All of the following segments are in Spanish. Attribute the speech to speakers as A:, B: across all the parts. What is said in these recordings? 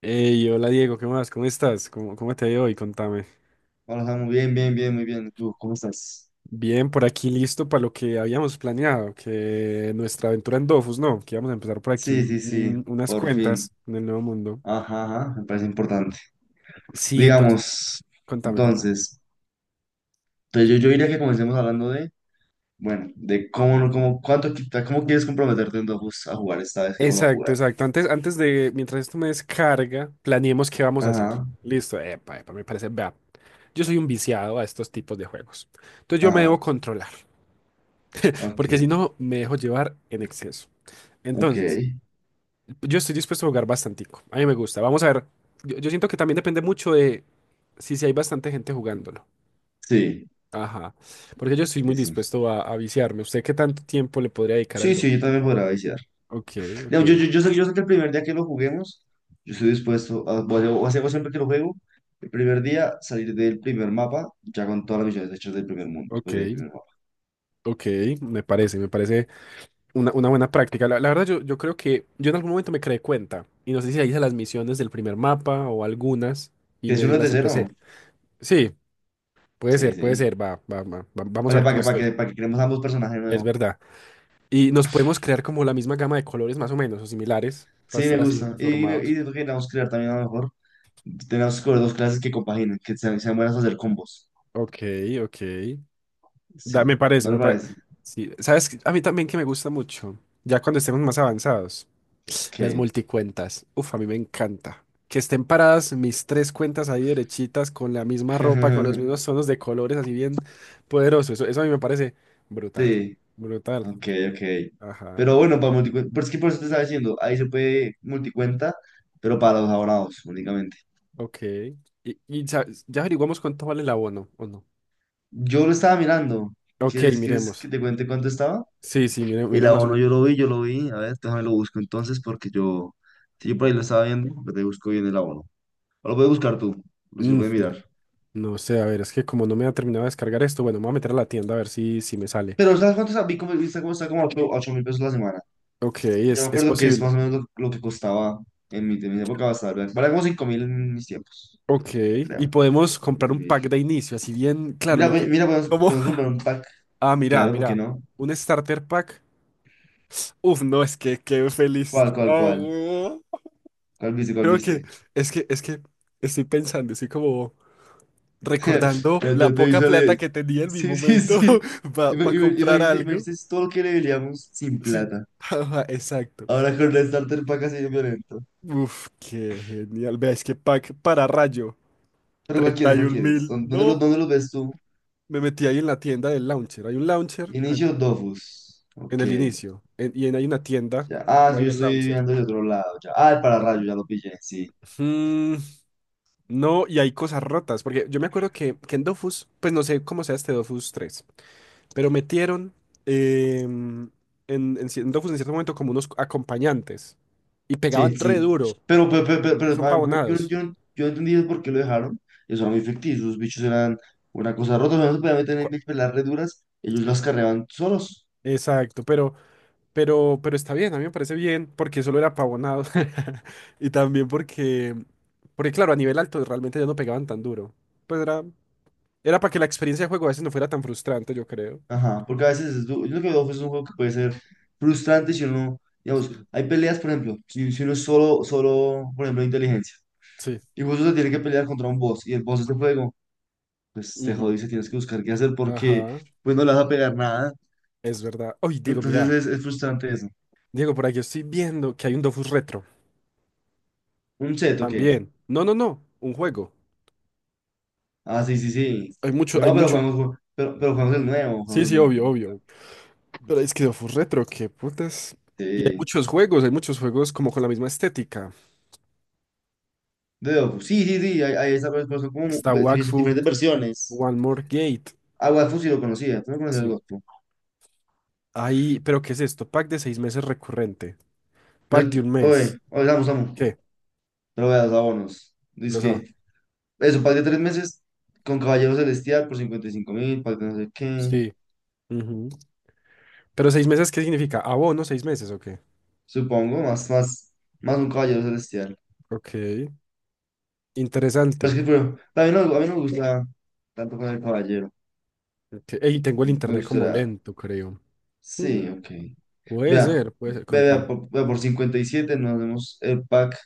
A: Hey, hola Diego, ¿qué más? ¿Cómo estás? ¿Cómo te ha ido hoy? Contame.
B: Hola, Samu, bien, bien, bien, muy bien. ¿Y tú cómo estás?
A: Bien, por aquí listo para lo que habíamos planeado, que nuestra aventura en Dofus, ¿no? Que íbamos a empezar por aquí
B: Sí,
A: un-
B: sí, sí,
A: un- unas
B: por fin.
A: cuentas en el Nuevo Mundo.
B: Ajá, ajá, me parece importante.
A: Sí, entonces,
B: Digamos,
A: contame, contame.
B: entonces, pues yo diría que comencemos hablando de, bueno, de cómo, cómo, cuánto, cómo quieres comprometerte en Dofus a jugar esta vez que vamos a
A: Exacto,
B: jugar.
A: exacto. Antes de, mientras esto me descarga, planeemos qué vamos a hacer.
B: Ajá,
A: Listo, epa, epa, me parece, vea, yo soy un viciado a estos tipos de juegos. Entonces yo me debo
B: ajá,
A: controlar, porque si
B: ok,
A: no, me dejo llevar en exceso.
B: ok.
A: Entonces, yo estoy dispuesto a jugar bastantico. A mí me gusta. Vamos a ver. Yo siento que también depende mucho de si hay bastante gente jugándolo.
B: Sí,
A: Ajá. Porque yo estoy muy
B: sí, sí.
A: dispuesto a viciarme. ¿Usted qué tanto tiempo le podría dedicar al
B: Sí,
A: do?
B: sí, yo también podrá iniciar.
A: Ok, ok,
B: No, yo sé que el primer día que lo juguemos, yo estoy dispuesto a, siempre que lo juego, el primer día salir del primer mapa ya con todas las misiones hechas del primer mundo,
A: ok,
B: pues del primer mapa.
A: ok. Me parece una buena práctica. La verdad, yo creo que yo en algún momento me creé cuenta. Y no sé si la hice las misiones del primer mapa o algunas. Y
B: Que si
A: medio
B: uno es de
A: las
B: cero,
A: empecé. Sí, puede
B: sí,
A: ser, puede
B: sí.
A: ser. Vamos
B: Para
A: a
B: que,
A: ver
B: para
A: cómo
B: que, para que,
A: estoy.
B: para que creemos ambos personajes
A: Es
B: nuevos.
A: verdad. Y nos podemos crear como la misma gama de colores más o menos, o similares, para
B: Sí, me
A: estar así
B: gusta. Y
A: uniformados.
B: siento que tenemos que crear también a lo mejor, tenemos que coger dos clases que compaginen, que sean buenas para hacer combos.
A: Ok, ok. Me
B: Sí,
A: parece,
B: ¿no
A: me
B: le
A: parece.
B: parece?
A: Sí, ¿sabes qué? A mí también que me gusta mucho, ya cuando estemos más avanzados, las
B: Que.
A: multicuentas. Uf, a mí me encanta. Que estén paradas mis tres cuentas ahí derechitas, con la misma ropa, con los mismos tonos de colores, así bien poderoso. Eso a mí me parece brutal,
B: Sí.
A: brutal.
B: Ok, ok.
A: Ajá,
B: Pero bueno, para multicuenta, pero es que por eso te estaba diciendo, ahí se puede multicuenta, pero para los abonados únicamente.
A: ok. Y ya, ya averiguamos cuánto vale el abono, ¿o no?
B: Yo lo estaba mirando.
A: Ok,
B: ¿Quieres
A: miremos.
B: que te cuente cuánto estaba?
A: Sí, sí, mire,
B: El
A: mire más o
B: abono yo lo vi, yo lo vi. A ver, déjame lo busco entonces porque yo, si yo por ahí lo estaba viendo, pero te busco bien el abono. O lo puedes buscar tú, o si lo puedes
A: menos. No
B: mirar.
A: no sé, a ver, es que como no me ha terminado de descargar esto, bueno, me voy a meter a la tienda a ver si me sale.
B: Pero ¿sabes cuánto está? Vi como, está como, está como ocho mil pesos la semana.
A: Ok,
B: Yo
A: es,
B: me
A: es
B: acuerdo que es
A: posible.
B: más o menos lo que costaba en mi época, bastante. A valía como 5.000 en mis tiempos,
A: Ok,
B: yo
A: y
B: creo.
A: podemos comprar un pack de inicio, así bien, claro,
B: Mira,
A: lo que...
B: mira, podemos,
A: cómo.
B: podemos comprar un pack.
A: Ah, mira,
B: Claro, ¿por qué
A: mira,
B: no?
A: un starter pack. Uf, no, es que qué
B: ¿Cuál, cuál,
A: felicidad,
B: cuál?
A: weón.
B: ¿Cuál viste, cuál
A: Creo que,
B: viste?
A: es que estoy pensando, estoy como recordando
B: Yo te
A: la poca plata
B: visualicé.
A: que tenía en mi
B: Sí, sí,
A: momento
B: sí.
A: para comprar
B: Imagínese,
A: algo.
B: imagínese todo lo que le veríamos sin
A: Sí,
B: plata.
A: ajá, exacto.
B: Ahora con el starter pack así de violento.
A: Uf, qué genial. Veáis que pack para rayo.
B: Pero ¿cuál
A: treinta
B: quieres,
A: y
B: cuál
A: un
B: quieres?
A: mil.
B: ¿Dó- ¿Dónde
A: No.
B: lo, dónde lo ves tú?
A: Me metí ahí en la tienda del launcher. Hay un launcher an-
B: Inicio Dofus.
A: en
B: Ok.
A: el inicio. En- y en- hay una tienda.
B: Ya. Ah,
A: Como ahí
B: sí,
A: en
B: yo
A: el
B: estoy
A: launcher.
B: viendo de otro lado. Ya. Ah, el pararrayo, ya lo pillé, sí.
A: Mm, no, y hay cosas rotas. Porque yo me acuerdo que en Dofus, pues no sé cómo sea este Dofus tres, pero metieron em, en Dofus en cierto momento como unos acompañantes. Y
B: Sí,
A: pegaban re
B: sí.
A: duro.
B: Pero, pero, pero, pero-
A: Y
B: pero,
A: son
B: yo, no-
A: pavonados.
B: yo, no- yo no entendí por qué lo dejaron. Eso era muy ficticio. Los bichos eran una cosa rota. O sea, no se podían meter
A: Cu-
B: en pelas re duras. Ellos
A: Sí.
B: las carreaban solos.
A: Exacto, pero. Pero está bien, a mí me parece bien porque solo era pavonado. Y también porque, claro, a nivel alto realmente ya no pegaban tan duro. Pues era, para que la experiencia de juego a veces no fuera tan frustrante, yo creo.
B: Ajá. Porque a veces yo lo que veo pues, es un juego que puede ser frustrante si uno, digamos,
A: Sí.
B: hay peleas, por ejemplo, si uno es solo, solo, por ejemplo, de inteligencia.
A: Sí.
B: Y justo se tiene que pelear contra un boss. Y el boss es de fuego. Pues te
A: Ujú.
B: jodiste, tienes que buscar qué hacer porque
A: Ajá,
B: pues no le vas a pegar nada.
A: es verdad. Oye, Diego,
B: Entonces
A: mira.
B: es frustrante eso.
A: Diego, por aquí estoy viendo que hay un Dofus Retro.
B: Un set, ok.
A: También. No, no, no, un juego.
B: Ah, sí, sí, sí.
A: Hay mucho,
B: No,
A: hay
B: no, pero
A: mucho.
B: pero jugamos el nuevo,
A: Sí,
B: jugamos el
A: sí,
B: nuevo,
A: obvio,
B: jugamos el
A: obvio.
B: nuevo.
A: Pero es que Dofus Retro, qué putas. Y
B: Sí.
A: hay muchos juegos como con la misma estética.
B: De Dofus. Sí, sí, sí, hay esas, pero son como
A: Está Wakfu.
B: diferentes versiones.
A: One More Gate.
B: Agua de sí lo conocía, tú no conoces
A: Sí.
B: Agua.
A: Ahí, pero ¿qué es esto? Pack de 6 meses recurrente. Pack de un mes.
B: Oye, oye, vamos, vamos.
A: ¿Qué?
B: Pero veas, vámonos.
A: Lo
B: Dice
A: sabe.
B: que, eso, pack de tres meses con Caballero Celestial por 55.000, pack de no sé qué,
A: Sí. Ujú. Pero 6 meses, ¿qué significa? ¿Abono 6 meses o qué?
B: supongo, más un Caballero Celestial.
A: Ok. Interesante.
B: Pero es que, pero, a mí no me gusta tanto con el Caballero.
A: Ok. Ey, tengo el
B: Me
A: internet como
B: gustaría.
A: lento, creo. Mm,
B: Sí, ok.
A: Puede
B: Vea,
A: ser, puede ser.
B: vea,
A: Contame.
B: vea, por, vea, por 57 nos damos el pack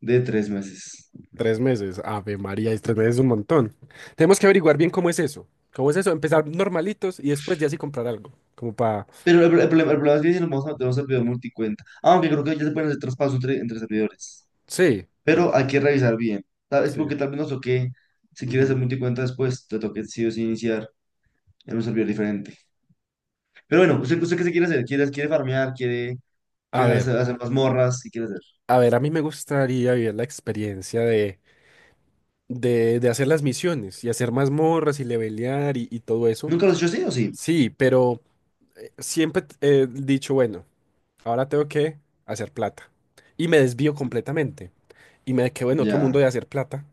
B: de tres meses.
A: 3 meses. Ave María, es 3 meses es un montón. Tenemos que averiguar bien cómo es eso. ¿Cómo es eso? Empezar normalitos y después ya sí comprar algo. Como para.
B: Pero el problema es que si nos vamos a meter a un servidor multicuenta. Aunque creo que ya se pueden hacer traspasos entre servidores.
A: Sí. o-
B: Pero hay que revisar bien. Tal, es
A: Sí.
B: porque tal vez nos toque, si quieres hacer
A: Ujú.
B: multicuenta después, te toque sí o sí iniciar en un servidor diferente. Pero bueno, ¿usted qué se quiere hacer? ¿Quiere farmear? ¿Quiere que
A: A ver.
B: hacer mazmorras? ¿Qué quiere hacer?
A: A ver, a mí me gustaría vivir la experiencia de hacer las misiones y hacer mazmorras y levelear y todo eso.
B: ¿Nunca lo has hecho así o sí?
A: Sí, pero siempre he dicho, bueno, ahora tengo que hacer plata. Y me desvío completamente. Y me quedo en otro mundo
B: Ya.
A: de hacer plata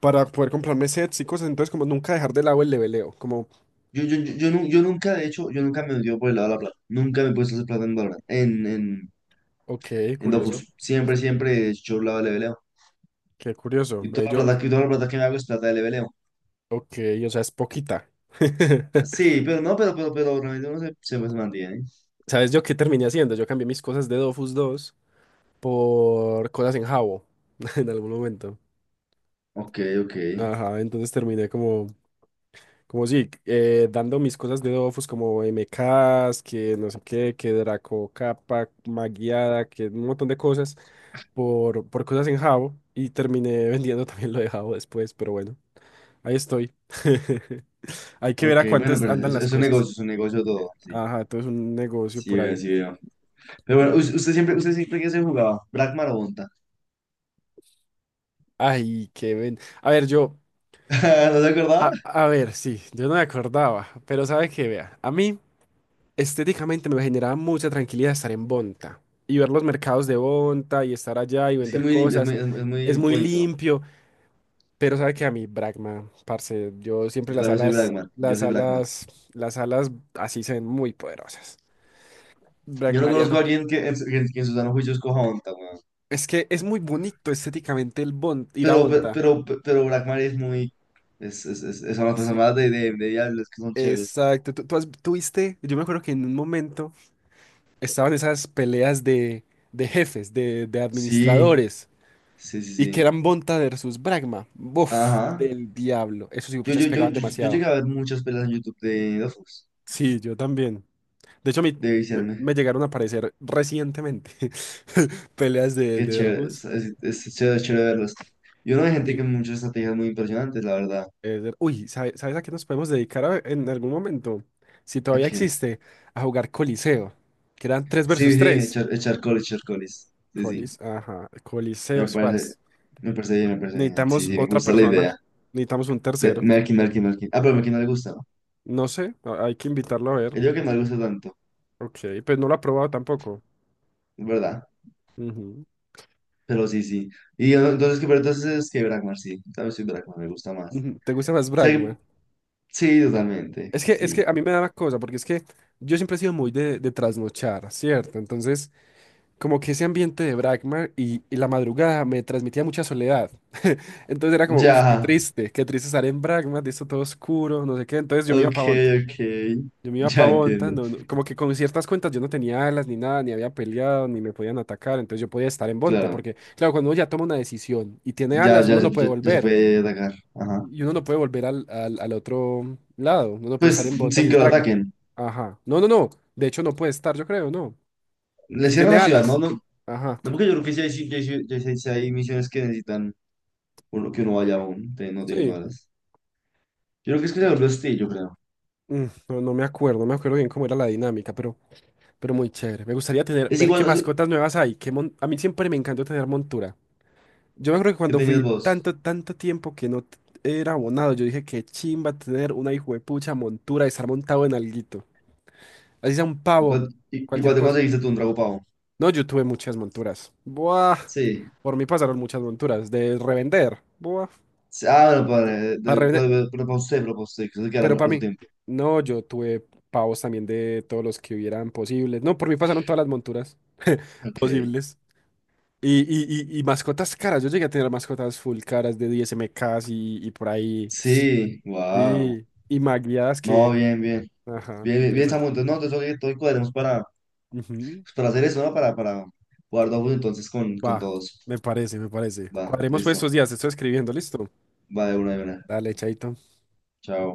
A: para poder comprarme sets y cosas. Entonces, como nunca dejar de lado el leveleo. Como,
B: Yo nunca, de hecho, yo nunca me he metido por el lado de la plata. Nunca me he puesto a hacer plata en Valorant, en, en,
A: ok,
B: en
A: curioso.
B: Dofus. Siempre, siempre yo la de leveleo.
A: Qué curioso.
B: Y
A: Ve,
B: toda la
A: yo,
B: plata, toda la plata que me hago es plata de leveleo.
A: ok, o sea, es poquita.
B: Sí, pero no, pero realmente uno se mantiene, ¿eh?
A: ¿Sabes yo qué terminé haciendo? Yo cambié mis cosas de Dofus dos por cosas en jabo en algún momento.
B: Ok, ok.
A: Ajá, entonces terminé como, como sí, dando mis cosas de Dofus como MKs, que no sé qué, que Draco Capa, Maguiada, que un montón de cosas por cosas en jabo y terminé vendiendo también lo de jabo después, pero bueno, ahí estoy. Hay que ver
B: Ok,
A: a
B: bueno,
A: cuántas
B: pero
A: andan
B: es,
A: las
B: es un
A: cosas.
B: negocio, es un negocio todo. Sí,
A: Ajá, todo es un negocio
B: sí
A: por
B: veo,
A: ahí.
B: sí veo. Pero bueno, usted siempre que se jugaba, ¿Bragmar o Bonta?
A: Ay, qué ven. A ver, yo,
B: ¿No se acordaba?
A: a ver, sí, yo no me acordaba, pero sabe que vea, a mí. Estéticamente me generaba mucha tranquilidad estar en Bonta y ver los mercados de Bonta y estar allá y
B: Es que
A: vender
B: muy, lim- es
A: cosas.
B: muy, es, muy es
A: Es
B: muy
A: muy
B: bonito.
A: limpio, pero sabe que a mí, Bragma, parce, yo siempre
B: Yo
A: las
B: también soy
A: alas,
B: Bragmar. Yo
A: las
B: soy Bragmar.
A: alas, las alas así se ven muy poderosas.
B: Yo no conozco
A: Bragmariano.
B: a alguien que en su sano juicio escoja Onta, weón.
A: Es que es muy bonito estéticamente el Bon- ir a
B: Pero, pe-
A: Bonta.
B: pero, pe- pero, Blackmar es muy. Son las
A: Sí.
B: personas de Diablo, es que son chéveres.
A: Exacto. Tú has- tú viste, yo me acuerdo que en un momento estaban esas peleas de, jefes, de
B: Sí,
A: administradores.
B: sí, sí,
A: Y que
B: sí.
A: eran Bonta versus Bragma. Buf,
B: Ajá.
A: del diablo. Esos
B: Yo,
A: puchas
B: yo, yo,
A: pegaban
B: yo, yo
A: demasiado.
B: llegué a ver muchas peleas en YouTube de Dofus,
A: Sí, yo también. De hecho, a mí
B: de
A: me,
B: viciarme.
A: me llegaron a aparecer recientemente peleas de,
B: Qué chévere, es,
A: dojos.
B: es, es chévere, chévere verlas. Yo no hay gente
A: Sí.
B: que muchas estrategias muy impresionantes, la verdad.
A: De- uy, ¿sabe- ¿sabes a qué nos podemos dedicar a- en algún momento? Si todavía
B: Aquí.
A: existe, a jugar Coliseo, que eran 3
B: Sí,
A: versus
B: sí,
A: tres.
B: echar colis, echar colis. Sí, sí.
A: Colis, ajá, Coliseo
B: Me parece,
A: Spars.
B: me parece bien, me parece bien. Sí,
A: Necesitamos
B: sí, me
A: otra
B: gusta la
A: persona,
B: idea.
A: necesitamos un
B: De
A: tercero.
B: Merkin, Merkin, Merkin. Ah, pero Merkin no le gusta, ¿no?
A: No sé, a- hay que invitarlo a ver.
B: Yo digo que no le gusta tanto,
A: Ok, pues no lo ha probado tampoco.
B: es verdad.
A: Ujú,
B: Pero sí, sí. Y yo, entonces, pero entonces es que Brakmar, sí. Tal vez sí, Brakmar me gusta más. O
A: ujú. ¿Te gusta más
B: sea,
A: Bragman?
B: sí, totalmente,
A: Es que
B: sí.
A: a mí me da una cosa, porque es que yo siempre he sido muy de, trasnochar, ¿cierto? Entonces, como que ese ambiente de Bragman y la madrugada me transmitía mucha soledad. Entonces era como, uff,
B: Ya,
A: qué triste estar en Bragman, de esto todo oscuro, no sé qué. Entonces yo me iba
B: ok,
A: para Bonta.
B: ok.
A: Yo me iba para
B: Ya
A: Bonta,
B: entiendo.
A: no- no- como que con ciertas cuentas yo no tenía alas ni nada, ni había peleado, ni me podían atacar. Entonces yo podía estar en Bonta,
B: Claro,
A: porque claro, cuando uno ya toma una decisión y tiene
B: ya,
A: alas,
B: ya,
A: uno no
B: se-
A: puede
B: ya, ya se
A: volver.
B: puede atacar. Ajá.
A: Y uno no puede volver al, al otro lado. Uno no puede estar
B: Pues
A: en
B: sin
A: Bonta si es
B: que lo
A: Bragma.
B: ataquen.
A: Ajá. No, no, no. De hecho, no puede estar, yo creo, no.
B: Le
A: Si
B: cierran
A: tiene
B: la ciudad, ¿no?
A: alas.
B: No, no
A: Ajá.
B: porque yo creo que sí hay misiones que necesitan uno, que uno vaya aún, no teniendo
A: Sí.
B: alas. Yo creo que es que se volvió hostil, yo creo.
A: No, no me acuerdo, no me acuerdo bien cómo era la dinámica, pero, muy chévere. Me gustaría tener,
B: Es
A: ver qué
B: igual.
A: mascotas nuevas hay. Qué mon- A mí siempre me encantó tener montura. Yo me acuerdo que
B: ¿Qué
A: cuando fui
B: tenías vos?
A: tanto, tanto tiempo que no t- era abonado, yo dije qué chimba tener una hijuepucha montura, y estar montado en alguito. Así sea un
B: ¿Y
A: pavo,
B: cuál, y, y
A: cualquier
B: cuál te
A: cosa.
B: conseguiste tú un trago pavo?
A: No, yo tuve muchas monturas. Buah.
B: Sí.
A: Por mí pasaron muchas monturas. De revender. Buah.
B: Sí, ah, bueno,
A: Yo
B: padre,
A: tu- Para revender.
B: pero para usted, pero para usted, que se queda
A: Pero para
B: harto
A: mí.
B: tiempo.
A: No, yo tuve pavos también de todos los que hubieran posibles. No, por mí pasaron todas las monturas
B: Ok.
A: posibles. Y mascotas caras. Yo llegué a tener mascotas full caras de 10 MKs y por ahí.
B: Sí, wow.
A: Sí. Y magueadas
B: No,
A: que.
B: bien, bien.
A: Ajá,
B: Bien, bien, bien,
A: interesante.
B: Samu. Entonces, no, entonces, oye, todo cuadremos para,
A: Ujú.
B: pues, para hacer eso, ¿no? Para jugar Dofus entonces con
A: Va,
B: todos.
A: me parece, me parece.
B: Va,
A: Cuadremos pues
B: listo.
A: estos días. Estoy escribiendo, ¿listo?
B: Va de una de una.
A: Dale, chaito.
B: Chao.